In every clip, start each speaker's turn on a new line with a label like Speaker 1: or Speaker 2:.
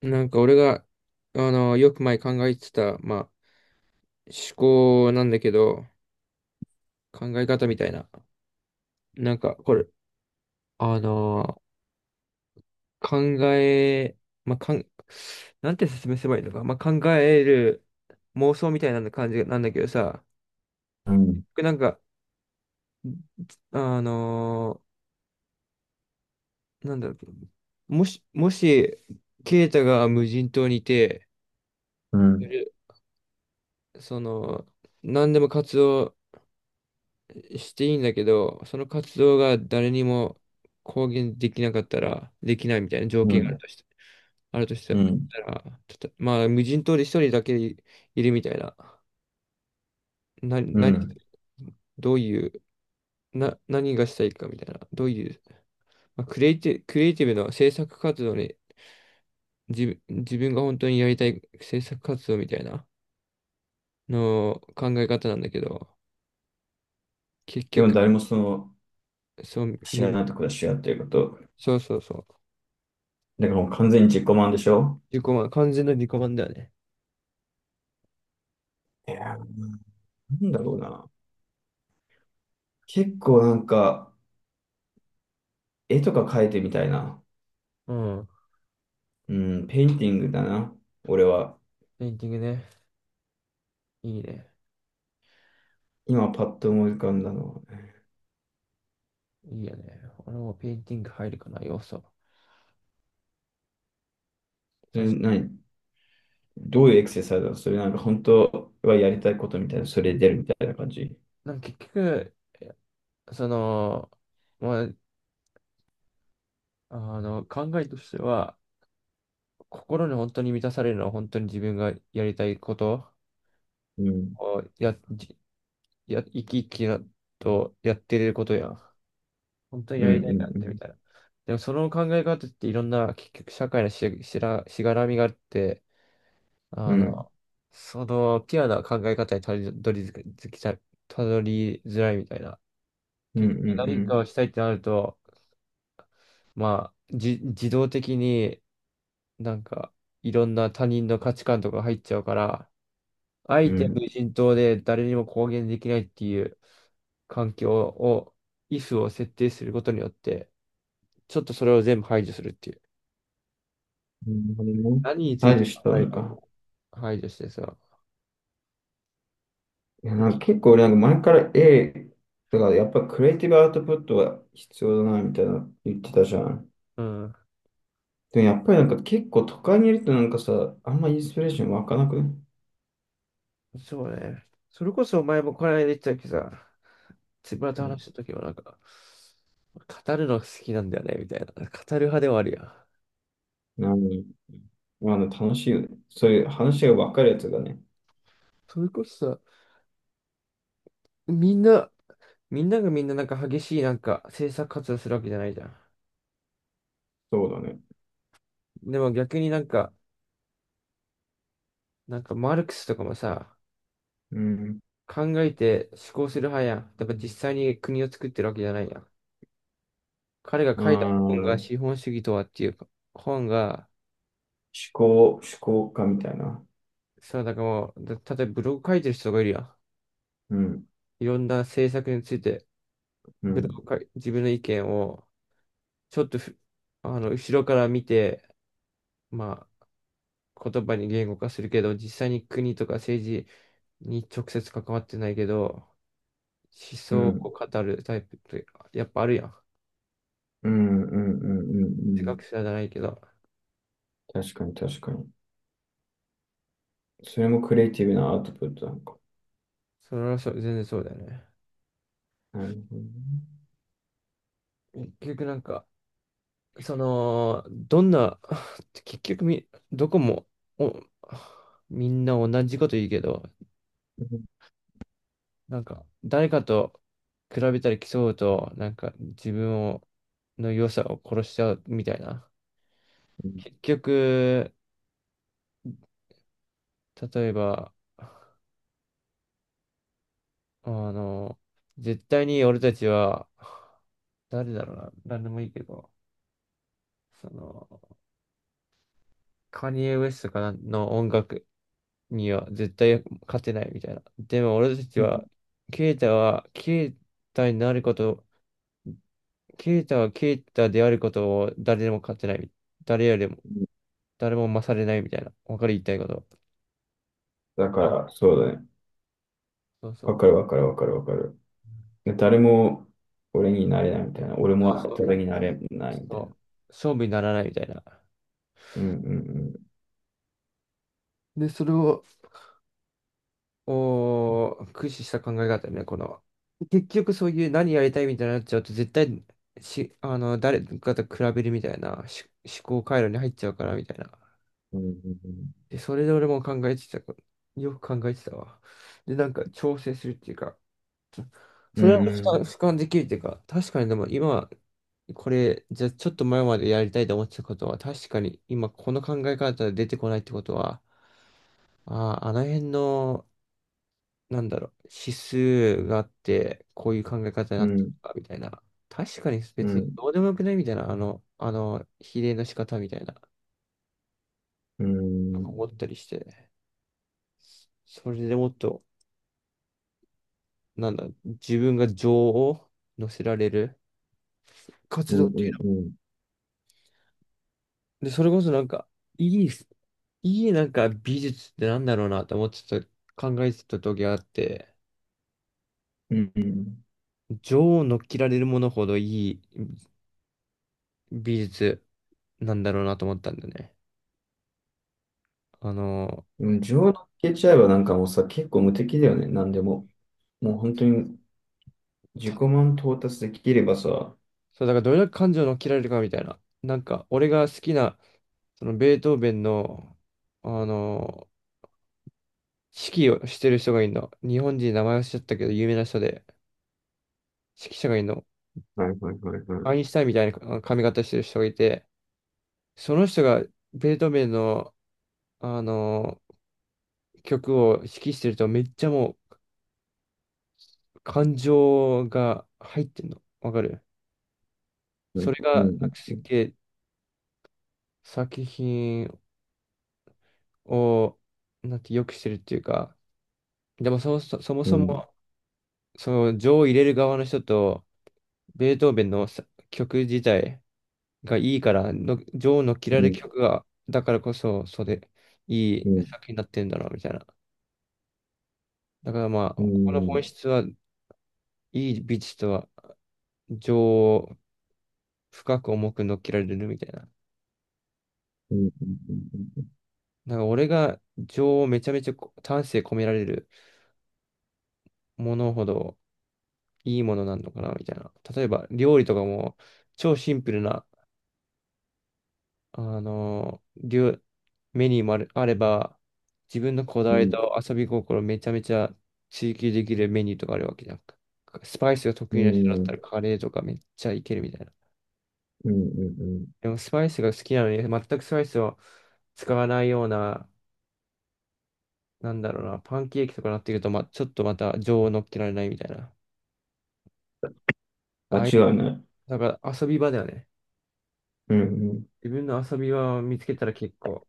Speaker 1: なんか俺が、あの、よく前考えてた、思考なんだけど、考え方みたいな。なんか、これ、あの、考え、まあ、かん、なんて説明すればいいのか。考える妄想みたいな感じなんだけどさ、
Speaker 2: うん、
Speaker 1: なんか、あの、なんだろう、もし、もし、ケイタが無人島にいて、
Speaker 2: うん、
Speaker 1: その、何でも活動していいんだけど、その活動が誰にも公言できなかったら、できないみたいな条
Speaker 2: う
Speaker 1: 件がある
Speaker 2: ん、
Speaker 1: として、あるとした
Speaker 2: うん、
Speaker 1: たら、たと無人島で一人だけいるみたいな、
Speaker 2: う
Speaker 1: 何、
Speaker 2: ん。
Speaker 1: どういう、な、何がしたいかみたいな、どういう、まあ、クリエイティ、クリエイティブの制作活動に、自分が本当にやりたい制作活動みたいなの考え方なんだけど、結
Speaker 2: でも
Speaker 1: 局、
Speaker 2: 誰もその
Speaker 1: そう、
Speaker 2: 知
Speaker 1: み
Speaker 2: らないところで知らっていうこと。
Speaker 1: そうそうそう、
Speaker 2: だからもう完全に自己満でしょ。
Speaker 1: 自己満、完全な自己満だよね。
Speaker 2: いやー、なんだろうな。結構なんか、絵とか描いてみたいな。
Speaker 1: うん、
Speaker 2: うん、ペインティングだな。俺は。
Speaker 1: ペインティングね。いいね。
Speaker 2: 今パッと思い浮かんだのは。
Speaker 1: いいよね。俺もペインティング入るかな、要素。
Speaker 2: そ
Speaker 1: さ
Speaker 2: れ
Speaker 1: し、
Speaker 2: どういうエクササイズだろう？それなんか本当はやりたいことみたいな、それで出るみたいな感じ。
Speaker 1: なんか結局、その、まあ、考えとしては、心に本当に満たされるのは本当に自分がやりたいこと
Speaker 2: うん、
Speaker 1: をや、じや、生き生きなとやってることやん。本当に
Speaker 2: う
Speaker 1: や
Speaker 2: ん、
Speaker 1: り
Speaker 2: う
Speaker 1: たいからっ
Speaker 2: ん、う
Speaker 1: てみ
Speaker 2: ん、
Speaker 1: たいな。でもその考え方っていろんな結局社会のしがらみがあって、
Speaker 2: う
Speaker 1: あ
Speaker 2: ん、
Speaker 1: の、ピュアな考え方にたどり着きたい、たどりづらいみたいな。
Speaker 2: うん、う
Speaker 1: 結局何
Speaker 2: ん、
Speaker 1: かをしたいってなると、自動的になんか、いろんな他人の価値観とか入っちゃうから、あ
Speaker 2: う
Speaker 1: えて
Speaker 2: ん。
Speaker 1: 無人島で誰にも公言できないっていう環境を、イフを設定することによって、ちょっとそれを全部排除するっていう。
Speaker 2: うん、なるほどね。
Speaker 1: 何につい
Speaker 2: 対
Speaker 1: て
Speaker 2: 処し
Speaker 1: 考
Speaker 2: た
Speaker 1: える
Speaker 2: の
Speaker 1: こと
Speaker 2: か。
Speaker 1: を排除してさ、
Speaker 2: いや、
Speaker 1: だ
Speaker 2: なんか結構俺なんか前から だからやっぱクリエイティブアウトプットは必要だなみたいな言ってたじゃん。
Speaker 1: うん。
Speaker 2: でもやっぱりなんか結構都会にいるとなんかさ、あんまインスピレーション湧かなくね？
Speaker 1: そうね。それこそ前もこの間言ってたけどさ、つぶらと話した時はなんか、語るのが好きなんだよね、みたいな。語る派ではあるやん。
Speaker 2: 何まあ、あの楽しいよね。そういう話が分かるやつがね。
Speaker 1: それこそさ、みんな、みんながみんななんか激しいなんか政策活動するわけじゃないじゃん。
Speaker 2: そうだね。
Speaker 1: でも逆になんかマルクスとかもさ、
Speaker 2: うん。
Speaker 1: 考えて思考する派やん。だから実際に国を作ってるわけじゃないやん。彼が
Speaker 2: あー、
Speaker 1: 書いた本が
Speaker 2: 思
Speaker 1: 資本主義とはっていう本が、
Speaker 2: 思考家みたいな。
Speaker 1: だからもう、例えばブログ書いてる人がいるやん。
Speaker 2: うん、
Speaker 1: いろんな政策について。
Speaker 2: う
Speaker 1: 普段
Speaker 2: ん、
Speaker 1: か自分の意見をちょっとふ後ろから見て、ま言葉に言語化するけど、実際に国とか政治に直接関わってないけど、思
Speaker 2: う
Speaker 1: 想を
Speaker 2: ん、
Speaker 1: 語るタイプってやっぱあるやん。
Speaker 2: うん、うん、うん、うん、う
Speaker 1: 哲学
Speaker 2: ん、
Speaker 1: 者じゃないけど、
Speaker 2: 確かに確かに。それもクリエイティブなアウトプットなのか。
Speaker 1: それはそう、全然そうだよね。
Speaker 2: なるほど
Speaker 1: 結局なんか、どんな、結局み、どこもおみんな同じこと言うけど、
Speaker 2: ね。
Speaker 1: なんか、誰かと比べたり競うと、なんか自分を、の良さを殺しちゃうみたいな。
Speaker 2: うん、
Speaker 1: 結局、例えば、あの、絶対に俺たちは、誰だろうな、何でもいいけど、その、カニエ・ウェストかなの音楽には絶対勝てないみたいな。でも俺たち
Speaker 2: う
Speaker 1: は、
Speaker 2: ん、
Speaker 1: ケイタは、ケイタになることケイタはケイタであることを誰でも勝てない。誰よりも、誰も勝れないみたいな。わかる言いたいこと。
Speaker 2: だからそうだね。
Speaker 1: そうそ
Speaker 2: わ
Speaker 1: う。
Speaker 2: かるわかるわかるわかる。で誰も俺になれないみたいな。俺
Speaker 1: そう
Speaker 2: も
Speaker 1: そう。
Speaker 2: 誰になれないみ
Speaker 1: そ
Speaker 2: たいな。
Speaker 1: う。勝負にならないみたいな。
Speaker 2: うん、
Speaker 1: で、それを、駆使した考え方ね、この。結局そういう何やりたいみたいになっちゃうと、絶対し、あの、誰かと比べるみたいな思考回路に入っちゃうからみたいな。
Speaker 2: うん、うん、
Speaker 1: で、それで俺も考えてた。よく考えてたわ。で、なんか調整するっていうか、
Speaker 2: う
Speaker 1: それは
Speaker 2: ん、
Speaker 1: 俯瞰できるっていうか、確かにでも今、これ、じゃあちょっと前までやりたいと思ってたことは、確かに今この考え方で出てこないってことは、ああの辺の、なんだろう、指数があって、こういう考え方に
Speaker 2: う
Speaker 1: なって
Speaker 2: ん、
Speaker 1: たみたいな。確かに
Speaker 2: う
Speaker 1: 別
Speaker 2: ん、う
Speaker 1: に
Speaker 2: ん、
Speaker 1: どうでもよくないみたいな、比例の仕方みたいな、
Speaker 2: うん、
Speaker 1: 思ったりして、それでもっと、なんだ、自分が情を乗せられる
Speaker 2: う
Speaker 1: 活
Speaker 2: ん、
Speaker 1: 動っていうのは
Speaker 2: うん、
Speaker 1: で、それこそいい、いいなんか美術ってなんだろうなと思ってた、考えてた時があって、
Speaker 2: うん、
Speaker 1: 女王を乗っ切られるものほどいい美術なんだろうなと思ったんだよね。あの、
Speaker 2: うん。上抜けちゃえばなんかもさ結構無敵だよね。なんでももう本当に自己
Speaker 1: た
Speaker 2: 満達できればさ。は
Speaker 1: そう、だからどれだけ感情を乗っ切られるかみたいな。なんか、俺が好きな、そのベートーベンの、あの、指揮をしてる人がいるの。日本人名前忘れちゃったけど、有名な人で、指揮者がいるの。
Speaker 2: い、はい、はい、はい。
Speaker 1: アインシュタインみたいな髪型してる人がいて、その人がベートーベンの、あの曲を指揮してるとめっちゃ感情が入ってんの。わかる、
Speaker 2: うん、
Speaker 1: それ
Speaker 2: う
Speaker 1: がなんか
Speaker 2: ん、
Speaker 1: すっげえ作品をなんて良くしてるっていうか、でもそもそ、そも
Speaker 2: う
Speaker 1: そ
Speaker 2: ん、
Speaker 1: もその情を入れる側の人とベートーベンのさ曲自体がいいからの、情を乗っ切ら
Speaker 2: う
Speaker 1: れ
Speaker 2: ん、
Speaker 1: る曲がだからこそそうでい
Speaker 2: う
Speaker 1: い
Speaker 2: ん、
Speaker 1: 作品になってるんだろうみたいな。だからまあ、
Speaker 2: う
Speaker 1: ここの本
Speaker 2: ん、
Speaker 1: 質はいい美術とは情を深く重く乗っけられるみたいな。
Speaker 2: うん、うん、
Speaker 1: なんか俺が情をめちゃめちゃ丹精込められるものほどいいものなんのかなみたいな。例えば料理とかも超シンプルな、あのー料メニューもある、あれば自分のこだわりと遊び心めちゃめちゃ追求できるメニューとかあるわけじゃん。スパイスが
Speaker 2: う
Speaker 1: 得意な人だ
Speaker 2: ん、
Speaker 1: っ
Speaker 2: う
Speaker 1: たら
Speaker 2: ん、
Speaker 1: カレーとかめっちゃいけるみたいな。
Speaker 2: うん、うん、うん。
Speaker 1: でもスパイスが好きなのに全くスパイスを使わないようななんだろうな、パンケーキとかなってくると、ま、ちょっとまた情を乗っけられないみたいな。あ
Speaker 2: 間
Speaker 1: あいう、
Speaker 2: 違いない。
Speaker 1: だから遊び場だよね。
Speaker 2: うん、うん。
Speaker 1: 自分の遊び場を見つけたら結構。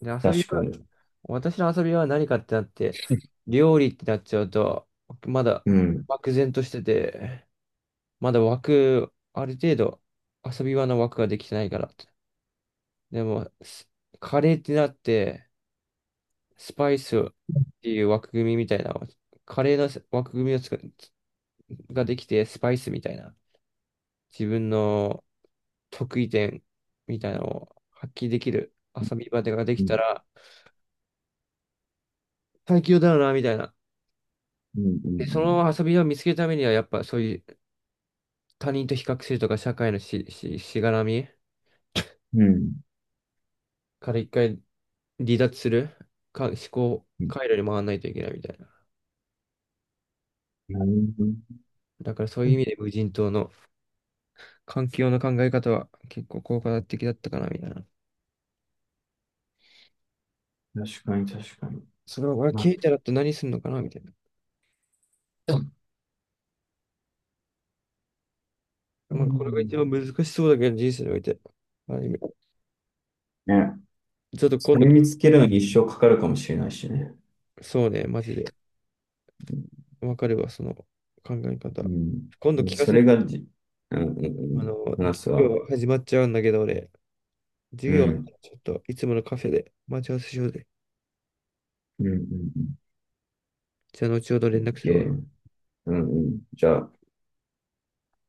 Speaker 1: で、遊び
Speaker 2: 確
Speaker 1: 場、
Speaker 2: かに。
Speaker 1: 私の遊び場は何かってなって、料理ってなっちゃうと、まだ
Speaker 2: うん。
Speaker 1: 漠然としてて、まだ枠、ある程度遊び場の枠ができてないから。でも、カレーってなって、スパイスっていう枠組みみたいな、カレーの枠組みをつくができて、スパイスみたいな。自分の得意点みたいなのを発揮できる遊び場がで
Speaker 2: う
Speaker 1: きた
Speaker 2: ん。
Speaker 1: ら最強だよな、みたいな。
Speaker 2: うん、う
Speaker 1: で、そ
Speaker 2: ん、
Speaker 1: の遊び場を見つけるためには、やっぱそういう他人と比較するとか、社会のしがらみ
Speaker 2: うん。
Speaker 1: から一回離脱するか、思考
Speaker 2: うん。
Speaker 1: 回路に回らないといけないみたいな。
Speaker 2: なるほ
Speaker 1: だからそういう意味
Speaker 2: ど。
Speaker 1: で無人島の環境の考え方は結構効果的だったかな、みたいな。
Speaker 2: 確かに確かに。
Speaker 1: それを俺
Speaker 2: まあ、
Speaker 1: 聞いたらって何するのかな、みたいな。
Speaker 2: でも、う
Speaker 1: まあ、これが一番
Speaker 2: ん、
Speaker 1: 難しそうだけど、人生において。まある意味
Speaker 2: ね。
Speaker 1: ちょっと
Speaker 2: そ
Speaker 1: 今度
Speaker 2: れ見つけるのに一生かかるかもしれないしね。
Speaker 1: そうね、マジで。わかるわ、その考え
Speaker 2: う
Speaker 1: 方。
Speaker 2: ん。
Speaker 1: 今度
Speaker 2: うん、
Speaker 1: 聞か
Speaker 2: そ
Speaker 1: せ
Speaker 2: れ
Speaker 1: て。
Speaker 2: がうん、うん、う
Speaker 1: あ
Speaker 2: ん。
Speaker 1: の、
Speaker 2: 話
Speaker 1: 授
Speaker 2: すわ。
Speaker 1: 業始まっちゃうんだけど、俺、授
Speaker 2: う
Speaker 1: 業、
Speaker 2: ん。
Speaker 1: ちょっといつものカフェで待ち合わせしようぜ。
Speaker 2: うん、うん、うん。
Speaker 1: じゃあ、後ほど連絡するわ。
Speaker 2: OK。 うん、うん。じゃあ、